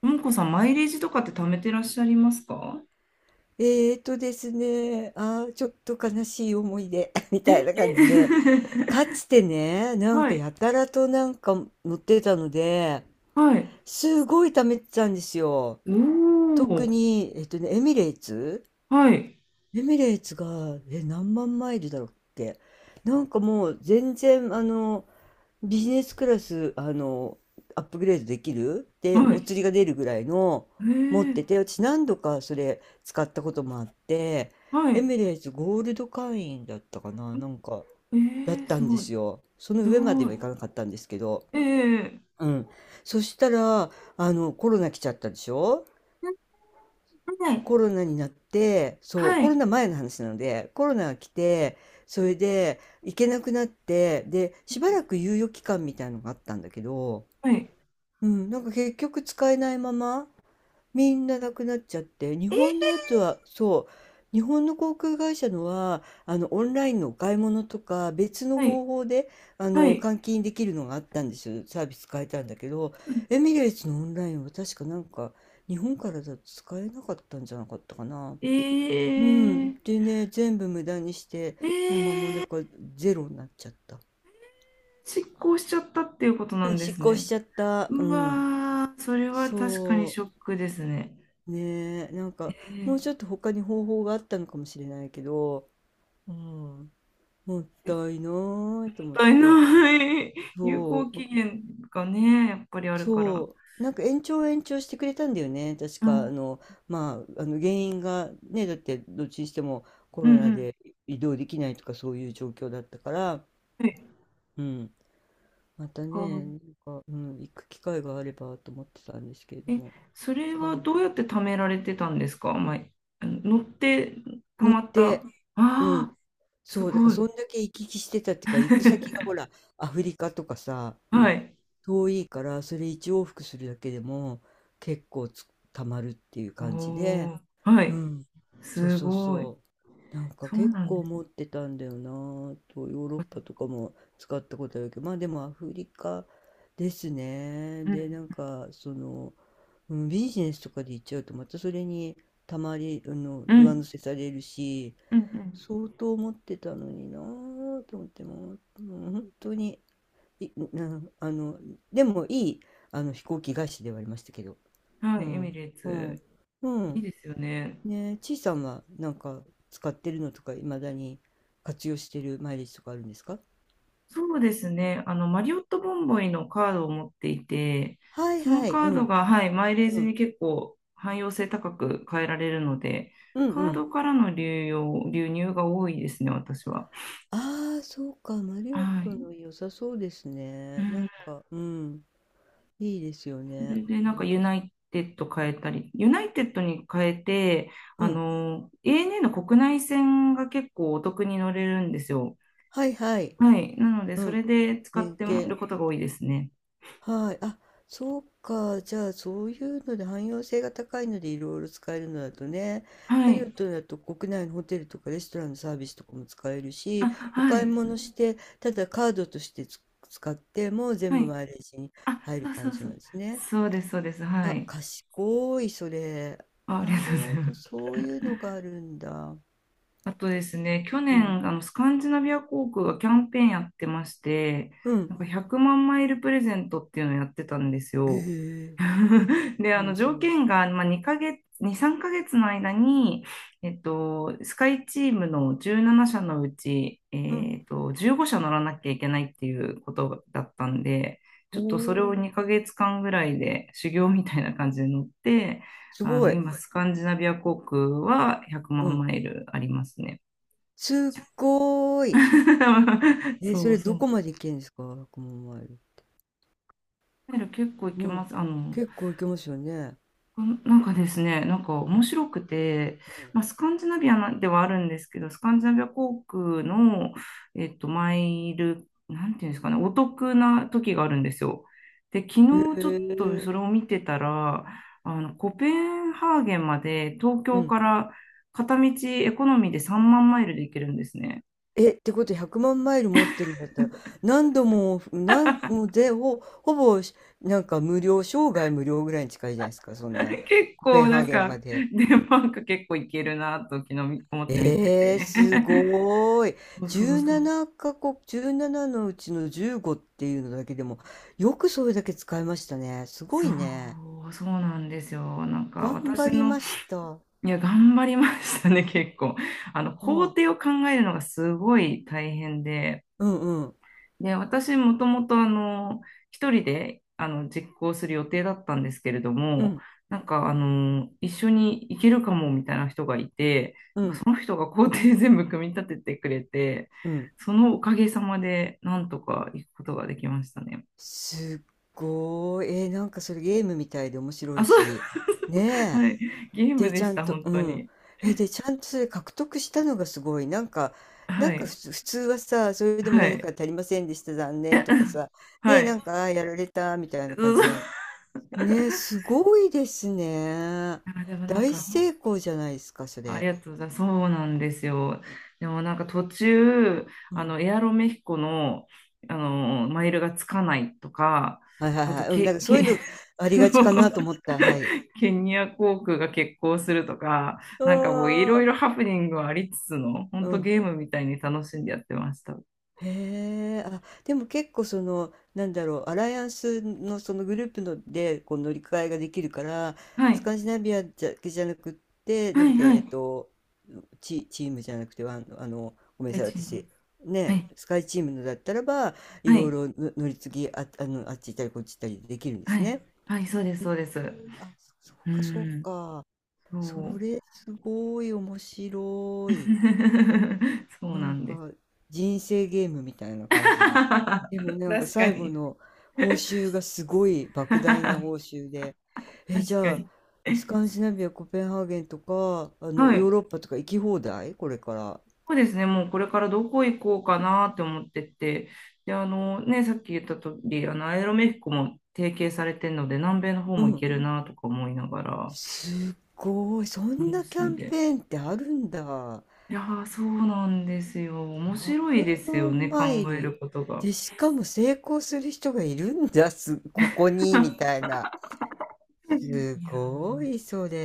ももこさん、マイレージとかって貯めてらっしゃいますか？えーとですね、あー、ちょっと悲しい思い出 みえ たいな感じで、か つてね、なんはかい、やたらとなんか乗ってたので、はい。すごい貯めてたんですよ。お特ー、に、エミレーツはい、が、何万マイルだろうっけ。なんかもう全然、あの、ビジネスクラス、アップグレードできるで、はおい。釣りが出るぐらいのえ持っー、てて、私何度かそれ使ったこともあって、はエい。ミレーツゴールド会員だったかな、なんか、えだっー、たすんでごい、すよ。そのす上までごはい。いかなかったんですけど、えー、うん。そしたら、コロナ来ちゃったでしょ。はい、コロナになって、そう、はコロい、ナ前の話なので、コロナが来て、それで行けなくなって、で、しばらくは猶予期間みたいのがあったんだけど、い、うん、なんか結局使えないまま、みんななくなっちゃって、日本のやつは、そう、日本の航空会社のは、オンラインのお買い物とか、別のは方い、法で、はい。換金できるのがあったんですよ。サービス変えたんだけど、エミレーツのオンラインは確かなんか、日本からだと使えなかったんじゃなかったかな。えうん。ー、でね、全部無駄にして、え今もうなんー、かゼロになっちゃった。失効しちゃったっていうことなうんん、で失す効しね。ちゃった。ううん。わー、それは確かにそショッう。クですね。ねえ、なんえか、もうちょっー、と他に方法があったのかもしれないけど、うん。もったいないとっ思ったいて。ない。有そ効期う、限がね、やっぱりあるかそら。う。なんか延長延長してくれたんだよね。確うか、あん、の、まあ、あの原因がね、だってどっちにしてもコうロん、うナん。で移動できないとかそういう状況だったから、はい。うん。またあね、なんか、うん、行く機会があればと思ってたんですけれどえ、も。それ使はわどうやって貯められてたんですか？まあ、乗って貯乗まっった。あて、うん。あ、すそう、だからごい。そんだけ行き来してたっていうか、行く先が ほら、アフリカとかさ、はい。遠いから、それ一往復するだけでも結構つ、たまるっていうお感じで、お、はうい。ん。そうすそうごい。そう。なんかそう結なんで構す持っね。てたんだよなぁと、ヨーロッあそパっとかかも使ったことあるけど、まあでもアフリカですね。うで、ん。うん、ビジネスとかで行っちゃうと、またそれにたまり、あの、う上乗ん。せされるし、うん。相当持ってたのになぁと思ってもう、もう本当に、い、なあの、でもいい、あの、飛行機会社ではありましたけど。うん。はうい。エミん、レーうん、ツ。ういいん。ですよね。ねえ、ちいさんはなんか使ってるのとか、いまだに活用してるマイレージとかあるんですか？そうですね。マリオットボンボイのカードを持っていて、はいそのはい、カうードん、が、はい、マイレーうジん、に結構汎用性高く変えられるので、うん、うカーん。ドからの流用、流入が多いですね、私は。ああ、そうか、マリオッはトい。の良さそうですうね。なん。んか、うん、いいですよそね。れで、そなうんいか、えユばナイテッド変えたり、ユナイテッドに変えて、うん、ANA の国内線が結構お得に乗れるんですよ。はいはい、はい。なので、うそれん、で使っ連てる携。ことが多いですね。はい。そうか。じゃあ、そういうので汎用性が高いのでいろいろ使えるのだとね、はマリオい。ットだと国内のホテルとかレストランのサービスとかも使えるあ、し、おは買いい。物して、ただカードとして使っても全は部い。マイレージにあ、入るそう感そうじそなんう。ですね。そうです、そうです。はあ、い。賢い、それ。あ、ありがなるとうございほまど、す。そういうのがあるんだ。あとですね、去うん。年、スカンジナビア航空がキャンペーンやってまして、うなん。んか100万マイルプレゼントっていうのをやってたんですよ。ええ、 で、何そ条れ。件が、まあ、2ヶ月、2、3ヶ月の間に、スカイチームの17社のうち、うん。15社乗らなきゃいけないっていうことだったんで、ちおょっとそれをー、2ヶ月間ぐらいで修行みたいな感じで乗って、すごい。今、スカンジナビア航空は100う万ん。マイルありますね。すっごーい。え、そそれうそどう。こまで行けるんですか、1万マイル？マイル結構行きもうます。結構行けますよね。なんかですね、なんかう面ん白くて、まあ、スカンジナビアなではあるんですけど、スカンジナビア航空の、マイル、なんていうんですかね、お得な時があるんですよ。で、昨うん。日ちょっとへそれえ。を見てたら、コペンハーゲンまで東う京ん。から片道エコノミーで3万マイルで行けるんですね。え、ってことは100万マイル持ってるんだったら、何度も、何もうで、ほ、ほぼし、なんか無料、生涯無料ぐらいに近いじゃないですか、そんな、結コペン構なハーんゲンまか、で。デンマーク結構いけるなと昨日思って見てえー、て。す ごーい。そうそうそう。17カ国、17のうちの15っていうのだけでも、よくそれだけ使いましたね。すごそいね。う、そうなんですよ。なんか頑張私りの、ました。いや、頑張りましたね、結構。工は、程を考えるのがすごい大変で。うんうん。で、私もともと一人で実行する予定だったんですけれどうも、ん。なんか一緒に行けるかもみたいな人がいて、うなんかん。その人が工程全部組み立ててくれて、うん。そのおかげさまでなんとか行くことができましたね。すっごい。えー、なんかそれゲームみたいで面白あ、いそう、し。ねえ。はい。ゲームで、ちでゃしんた、と、本う当ん。に。え、で、ちゃんとそれ獲得したのがすごい。なんか、なはんかい。普通、普通はさ、それでもは何かい。足りませんでした、残念とかさ。ねはえ、い。なんか、あーやられた、みたいそな感うじそにう なる。ねえ、すごいですね。あ、でもなん大か、成功じゃないですか、そありれ。がとうございます。そうなんですよ。でもなんか途中、うん。エアロメヒコの、マイルがつかないとか、はいはいあと、はい。うん。なんかそういうのあ りそうがちかなと思った。はい。ケニア航空が欠航するとか、うなんかもういろーいん。ろハプニングはありつつの、本う当ん。ゲームみたいに楽しんでやってました。へえ、でも結構その、なんだろう、アライアンスのそのグループのでこう乗り換えができるから、はスい、カンジナビアだけじゃなくって、なはんだっい、け、はい。チームじゃなくて、ワンあの、ごめんな大さい、地に私、はね、い、スカイチームのだったらば、いはろいい、ろの乗り継ぎ、あ、あの、あっち行ったりこっち行ったりできるんではすい、ね。はい、そうです、へえ、そうです。そううか、そうん、か。そそう。れ、すごい面白い。そうななんんです。か人生ゲームみたいな感じの。でも なんか確か最後に。の報酬がすごい 莫大な確報酬で、え、じかゃあに。スカンジナビア、コペンハーゲンとか、あはのヨーい。ロッパとか行き放題これから。そうですね。もうこれからどこ行こうかなって思ってて。で、あのね、さっき言った通り、アイロメヒコも提携されてるので、南米の方うも行ん。けるなとか思いながら、すっごい。そん楽なキしャんンで。ペーンってあるんだ。いやー、そうなんですよ。面白い100ですよ万ね、考マイえル。ることが。で、しかも成功する人がいるんだ。ここに、みたいな。いすやごい、それ。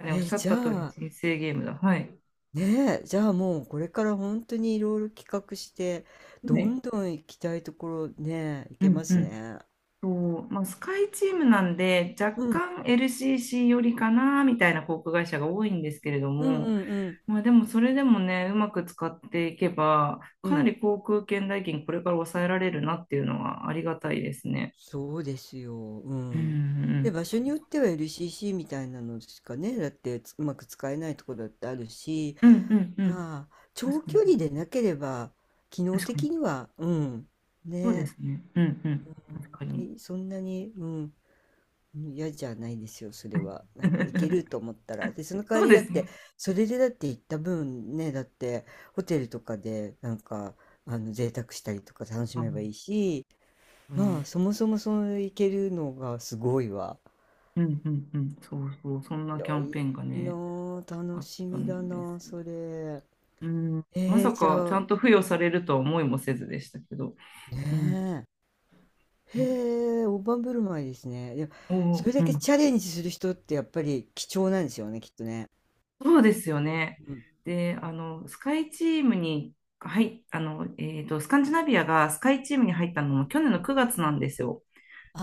ーね、おっえ、しゃっじゃた通り、あ、人生ゲームだ。はい。ねえ、じゃあもうこれから本当にいろいろ企画して、どはんい。どん行きたいところね、行うけまんうすん。ね。そうまあ、スカイチームなんで若うん、干 LCC よりかなみたいな航空会社が多いんですけれどうんうも、んうんまあ、でもそれでもねうまく使っていけばうかなん。り航空券代金これから抑えられるなっていうのはありがたいですね。そうですよ。ううん。で、ん場所によっては LCC みたいなのしかね、だってうまく使えないところだってあるし、うんうんうんうんああ、確長かに距確離かでになければ、機能確かに的には、うん、そうでね、すねうんうん確かに い、そんなに、うん、嫌じゃないですよ、それは。なんか行けると 思ったら。で、その代わそうりでだっすて、ね。それでだって行った分ね、だってホテルとかでなんか、贅沢したりとか楽しあめば本いいし、当まあ、にそもそもその行けるのがすごいわ。うんうんうんそうそうそんなキャ広ンいペーンがなねあ、楽あっしたみだんでなあすよ。それ。うん、まえー、さじかちゃあ、ゃんと付与されるとは思いもせずでしたけど、うん、ねえ。はい、へえ、大盤振る舞いですね。でも、おそれー、だうけん、チャレンジする人ってやっぱり貴重なんですよね、きっとね。そうですよね。うん。で、スカイチームに、はい、スカンジナビアがスカイチームに入ったのも去年の9月なんですよ。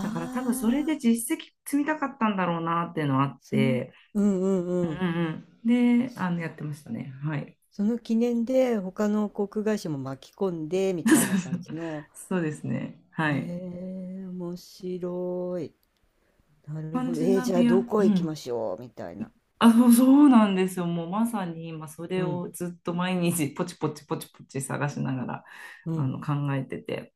だから多分それであ。実績積みたかったんだろうなっていうのはあっその、て、うんううんんううん。んうん。で、やってましたね。はい。その記念で他の航空会社も巻き込んでみ そうたそいなうそ感じうの。そうですね。へはい。え、面白い。なスるカンほど。ジえーナじゃあビア、うどこ行きん。ましょうみたいな。あ、そう、そうなんですよ。もうまさに今それうん、をずっと毎日ポチポチポチポチ探しながらうん。考えてて。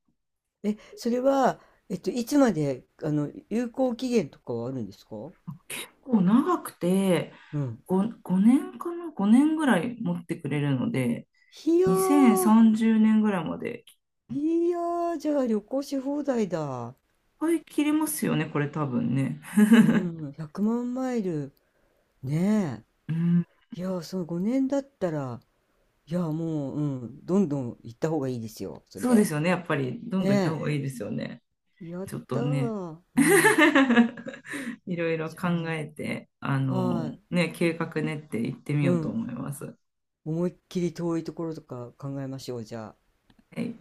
え、それは、えっと、いつまで、あの、有効期限とかはあるんですか？結構長くてうん。5年かな ?5 年ぐらい持ってくれるので、いやー、2030年ぐらいまでいいやー、じゃあ旅行し放題だ。い切れますよね、これ多分ね。うん、100万マイル。ねうん、え。いやー、その5年だったら、いや、もう、うん、どんどん行った方がいいですよ、そそうでれ。すよね。やっぱりどんどん行った方ねがいいですよね。え。やっちょっとたね。ー。うん。いろいろじ考ゃえて、あ、はい。ね、計画練って行ってみうようとん。思います。思いっきり遠いところとか考えましょう、じゃあ。はい